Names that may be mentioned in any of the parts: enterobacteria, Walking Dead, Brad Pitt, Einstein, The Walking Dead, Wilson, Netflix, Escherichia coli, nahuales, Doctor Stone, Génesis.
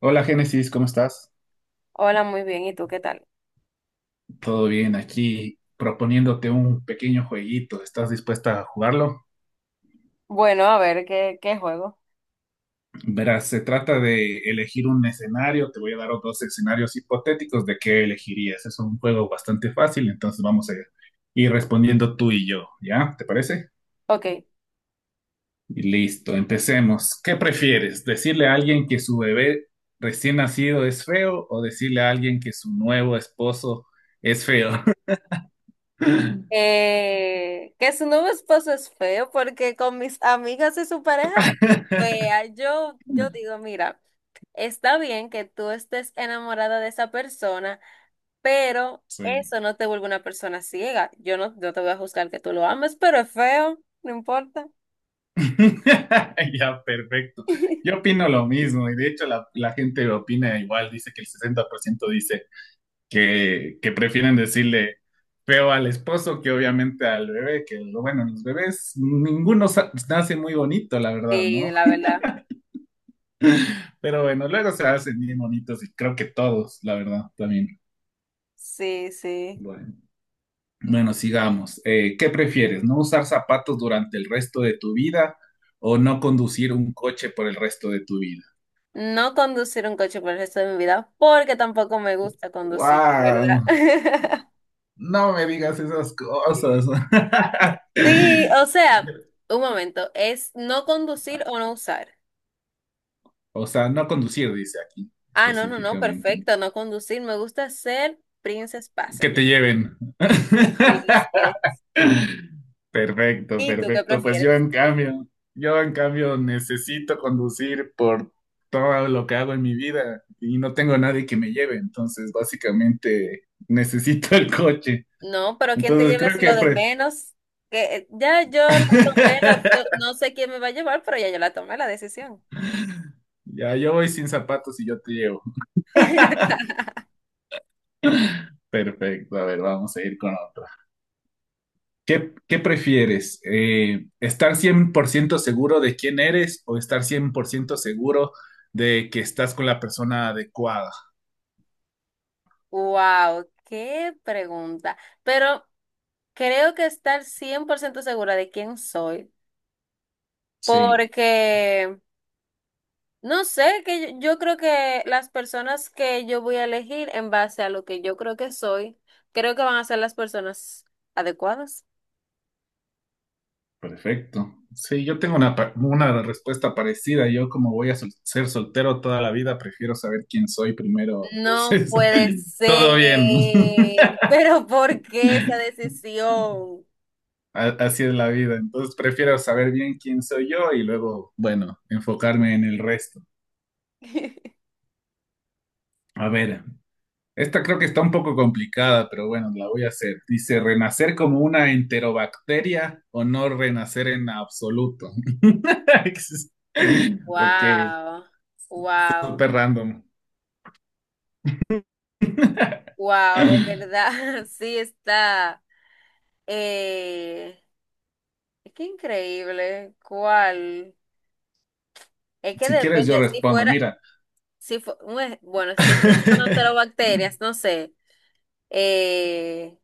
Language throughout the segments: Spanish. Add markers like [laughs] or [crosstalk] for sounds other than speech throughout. Hola Génesis, ¿cómo estás? Hola, muy bien. ¿Y tú qué tal? ¿Todo bien aquí? Proponiéndote un pequeño jueguito. ¿Estás dispuesta a jugarlo? Bueno, a ver, ¿qué juego? Verás, se trata de elegir un escenario. Te voy a dar dos escenarios hipotéticos de qué elegirías. Es un juego bastante fácil, entonces vamos a ir respondiendo tú y yo, ¿ya? ¿Te parece? Ok. Y listo, empecemos. ¿Qué prefieres? ¿Decirle a alguien que su bebé recién nacido es feo o decirle a alguien que su nuevo esposo es feo? [laughs] Que su nuevo esposo es feo porque con mis amigas y su pareja es fea. Yo digo, mira, está bien que tú estés enamorada de esa persona, pero Sí. eso no te vuelve una persona ciega. Yo no te voy a juzgar que tú lo ames, pero es feo, no importa. [laughs] Ya, perfecto. Yo [laughs] opino lo mismo y de hecho la gente opina igual, dice que el 60% dice que prefieren decirle feo al esposo que obviamente al bebé, que lo bueno, los bebés, ninguno nace muy bonito, la verdad, Sí, ¿no? la verdad. [laughs] Pero bueno, luego se hacen bien bonitos y creo que todos, la verdad, también. Sí, sí. Bueno, bueno, sigamos. ¿Qué prefieres? ¿No usar zapatos durante el resto de tu vida o no conducir un coche por el resto de tu vida? No conducir un coche por el resto de mi vida, porque tampoco me gusta conducir, de ¡Wow! ¿verdad? [laughs] No me digas esas cosas. [laughs] Sí, o sea, un momento, es no conducir o no usar. O sea, no conducir, dice aquí Ah, no, no, no, específicamente. perfecto, no conducir. Me gusta ser Princess Que Passenger. te lleven. Sí, así [laughs] es. Perfecto, ¿Y tú qué perfecto. Pues yo prefieres? en cambio, yo en cambio necesito conducir por todo lo que hago en mi vida y no tengo nadie que me lleve, entonces básicamente necesito el coche. No, pero ¿quién te Entonces lleves creo lo que del pre- menos? Que ya yo la tomé, la opción, [laughs] no sé quién me va a llevar, pero ya yo la tomé la decisión. ya yo voy sin zapatos y yo te llevo. [laughs] Perfecto, a ver, vamos a ir con ¿qué prefieres? ¿Estar 100% seguro de quién eres o estar 100% seguro de que estás con la persona adecuada? Wow, qué pregunta. Pero creo que estar 100% segura de quién soy, Sí, porque no sé, que yo creo que las personas que yo voy a elegir en base a lo que yo creo que soy, creo que van a ser las personas adecuadas. perfecto. Sí, yo tengo una respuesta parecida. Yo como voy a ser soltero toda la vida, prefiero saber quién soy primero. No Entonces, puede [laughs] ser, todo bien. [laughs] pero ¿por qué esa [laughs] decisión? Así es la vida. Entonces, prefiero saber bien quién soy yo y luego, bueno, enfocarme en el resto. [laughs] A ver. Esta creo que está un poco complicada, pero bueno, la voy a hacer. Dice, ¿renacer como una enterobacteria o no renacer en absoluto? [laughs] Ok, Wow, wow, súper random. wow, de verdad, [laughs] sí está. Eh, es que increíble. ¿Cuál? Es que Si quieres, yo depende. Si respondo. fuera, Mira, si fue, un ej- bueno, estoy pensando en [laughs] bacterias, no sé. Eh,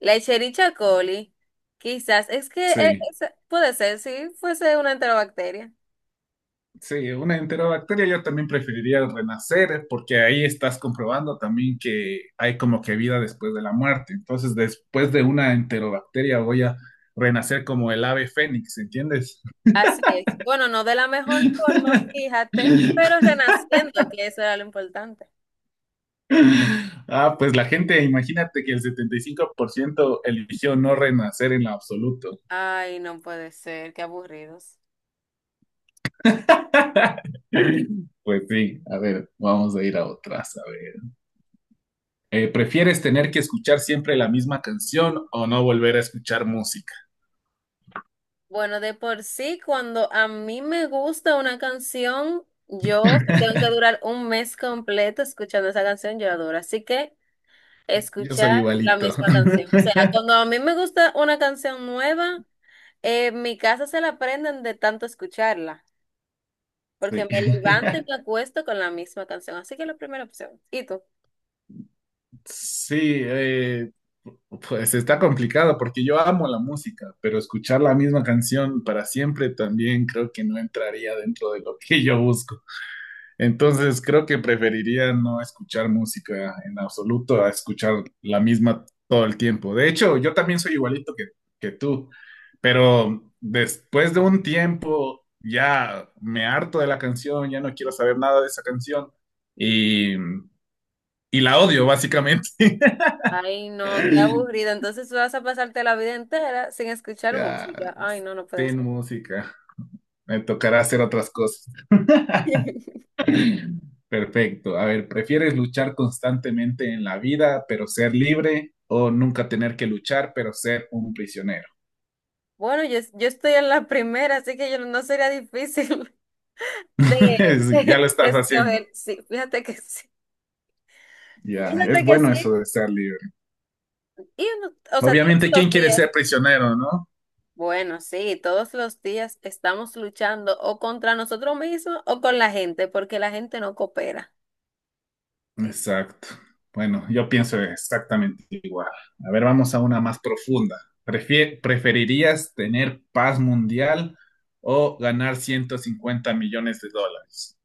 la Escherichia coli, quizás. Es que sí, puede ser, si fuese una enterobacteria. sí, una enterobacteria yo también preferiría el renacer porque ahí estás comprobando también que hay como que vida después de la muerte. Entonces, después de una enterobacteria voy a renacer como el ave fénix, ¿entiendes? Así es. Bueno, no de la mejor forma, fíjate, [laughs] pero renaciendo, que eso era lo importante. [laughs] Ah, pues la gente, imagínate que el 75% eligió no renacer en lo absoluto. Ay, no puede ser, qué aburridos. Pues sí, a ver, vamos a ir a otras, a ver. ¿Prefieres tener que escuchar siempre la misma canción o no volver a escuchar música? Bueno, de por sí, cuando a mí me gusta una canción, yo tengo que durar un mes completo escuchando esa canción, yo la adoro. Así que Yo soy escuchar la igualito. [laughs] misma canción. O sea, cuando a mí me gusta una canción nueva, en mi casa se la aprenden de tanto escucharla, porque Sí. me levanto y me [laughs] acuesto con la misma canción. Así que la primera opción. ¿Y tú? Sí, pues está complicado porque yo amo la música, pero escuchar la misma canción para siempre también creo que no entraría dentro de lo que yo busco. Entonces creo que preferiría no escuchar música en absoluto a escuchar la misma todo el tiempo. De hecho, yo también soy igualito que tú, pero después de un tiempo ya me harto de la canción, ya no quiero saber nada de esa canción y, y la odio básicamente. Ay, no, qué aburrido. [laughs] Entonces tú vas a pasarte la vida entera sin escuchar Ya, música. Ay, no, no puede sin ser. música, me tocará hacer otras cosas. [laughs] Perfecto. A ver, ¿prefieres luchar constantemente en la vida, pero ser libre, o nunca tener que luchar, pero ser un prisionero? Bueno, yo estoy en la primera, así que yo no sería difícil [laughs] de, [laughs] de Es- ya lo de estás haciendo. escoger. Sí, fíjate que sí. Ya, es Fíjate que bueno eso sí. de ser libre. Y o sea, todos Obviamente, los ¿quién quiere días. ser prisionero, no? Bueno, sí, todos los días estamos luchando o contra nosotros mismos o con la gente, porque la gente no coopera. Exacto. Bueno, yo pienso exactamente igual. A ver, vamos a una más profunda. Prefie- ¿preferirías tener paz mundial o ganar 150 millones de dólares?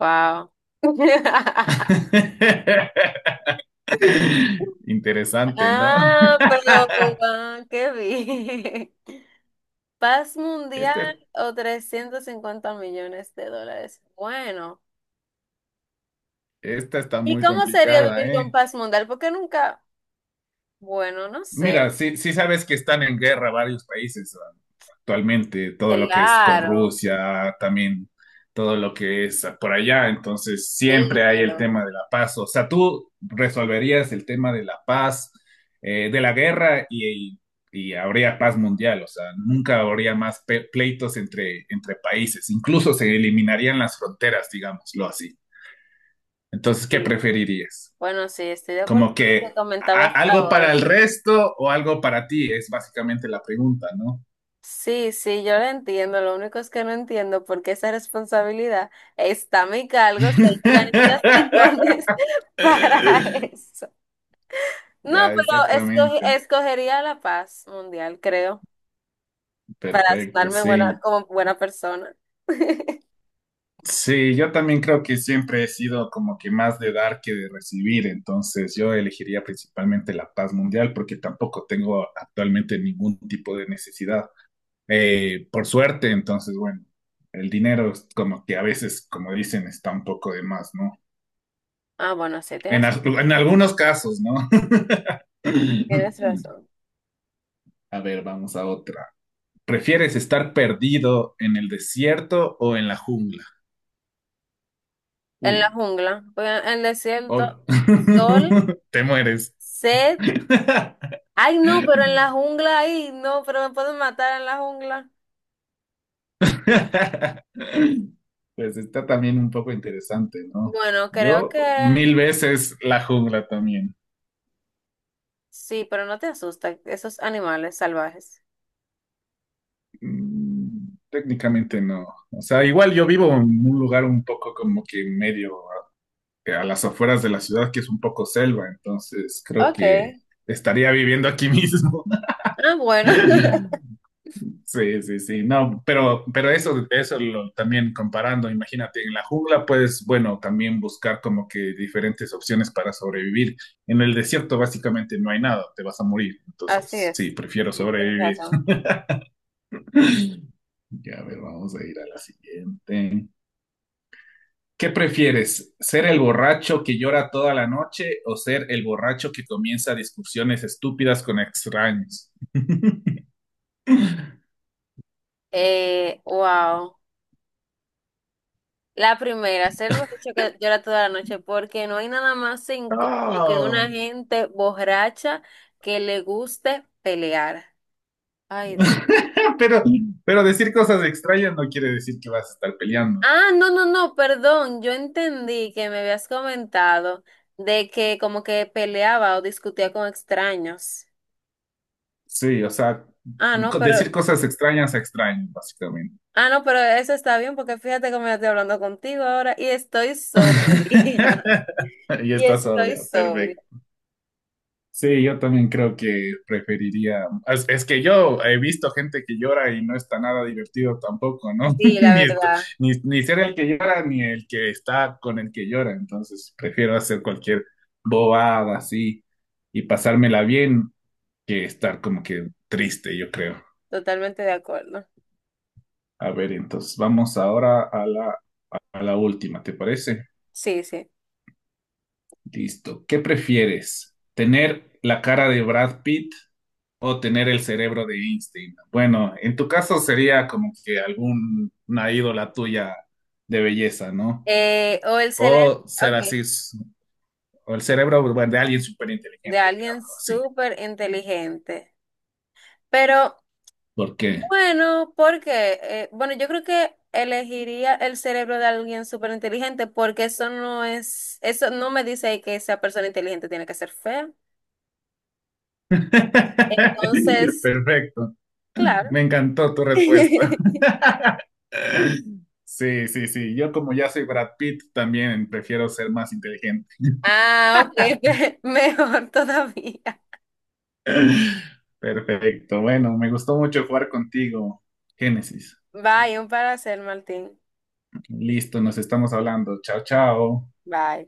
Wow. [laughs] [laughs] [laughs] Interesante, ¿no? Ah, pero qué bien. Paz mundial Esta, o $350 millones. Bueno. esta está ¿Y muy cómo sería complicada, vivir con ¿eh? paz mundial? Porque nunca, bueno, no sé. Mira, sí, sí sabes que están en guerra varios países actualmente, todo lo que es con Claro, Rusia, también todo lo que es por allá, entonces siempre sí, hay el pero tema de la paz. O sea, tú resolverías el tema de la paz, de la guerra y habría paz mundial, o sea, nunca habría más pe- pleitos entre países, incluso se eliminarían las fronteras, digámoslo así. Entonces, ¿qué sí. preferirías? Bueno, sí, estoy de acuerdo Como con lo que que comentabas algo ahora. para el resto o algo para ti, es básicamente la pregunta, ¿no? Sí, sí, yo lo entiendo. Lo único es que no entiendo por qué esa responsabilidad está a mi cargo si hay [laughs] organizaciones [laughs] para eso. No, Ya, pero exactamente. escogería la paz mundial, creo, para Perfecto, sonarme buena, sí. como buena persona. [laughs] Sí, yo también creo que siempre he sido como que más de dar que de recibir, entonces yo elegiría principalmente la paz mundial porque tampoco tengo actualmente ningún tipo de necesidad. Por suerte, entonces, bueno, el dinero es como que a veces, como dicen, está un poco de más, ¿no? Ah, bueno, sí, En, tienes, en algunos casos, ¿no? tienes [laughs] razón. A ver, vamos a otra. ¿Prefieres estar perdido en el desierto o en la jungla? En Uy, la jungla, pues, en el desierto, ob- sol, [laughs] te mueres. sed. [laughs] Ay, no, pero en la jungla, ay, no, pero me pueden matar en la jungla. Pues está también un poco interesante, ¿no? Bueno, creo Yo que mil veces la jungla también. sí, pero no te asustan esos animales salvajes. Técnicamente no. O sea, igual yo vivo en un lugar un poco como que medio a las afueras de la ciudad, que es un poco selva, entonces creo Ok. que estaría viviendo aquí mismo. Ah, bueno. [laughs] [laughs] Sí, sí, sí, no, pero eso lo, también comparando, imagínate, en la jungla puedes, bueno, también buscar como que diferentes opciones para sobrevivir. En el desierto básicamente no hay nada, te vas a morir, Así entonces es. sí, prefiero Sí, tienes sobrevivir. razón. [laughs] Ya, a ver, vamos a ir a la siguiente. ¿Qué prefieres? ¿Ser el borracho que llora toda la noche o ser el borracho que comienza discusiones estúpidas con extraños? Wow. La primera, ser borracho que llora toda la noche, porque no hay nada más incómodo que No. una gente borracha que le guste pelear. Ay, Dios. [laughs] Pero, pero decir cosas extrañas no quiere decir que vas a estar peleando. Ah, no, no, no, perdón, yo entendí que me habías comentado de que como que peleaba o discutía con extraños. Sí, o sea, Ah, no, pero, decir cosas extrañas a extraños, básicamente. ah, no, pero eso está bien porque fíjate cómo yo estoy hablando contigo ahora y estoy sobria. [laughs] [laughs] Y Y está estoy sobria, sobria. perfecto. Sí, yo también creo que preferiría. Es que yo he visto gente que llora y no está nada divertido tampoco, ¿no? [laughs] Sí, la Ni, est- verdad, ni, ni ser el que llora ni el que está con el que llora. Entonces prefiero hacer cualquier bobada así y pasármela bien que estar como que triste, yo creo. totalmente de acuerdo. A ver, entonces vamos ahora a la última, ¿te parece? Sí, sí. Listo. ¿Qué prefieres? ¿Tener la cara de Brad Pitt? O tener el cerebro de Einstein. Bueno, en tu caso sería como que alguna ídola tuya de belleza, ¿no? O el cerebro, O ser ok, así, s- o el cerebro bueno, de alguien súper de inteligente, digamos alguien así. súper inteligente. Pero ¿Por qué? bueno, porque, bueno, yo creo que elegiría el cerebro de alguien súper inteligente porque eso no es, eso no me dice que esa persona inteligente tiene que ser fea. [laughs] Entonces, Perfecto. claro. Me encantó tu [laughs] respuesta. Sí, sí, sí. Yo como ya soy Brad Pitt, también prefiero ser más inteligente. Ah, ok, [laughs] mejor todavía. [laughs] Perfecto. Bueno, me gustó mucho jugar contigo, Génesis. Bye, un placer, Martín. Listo, nos estamos hablando. Chao, chao. Bye.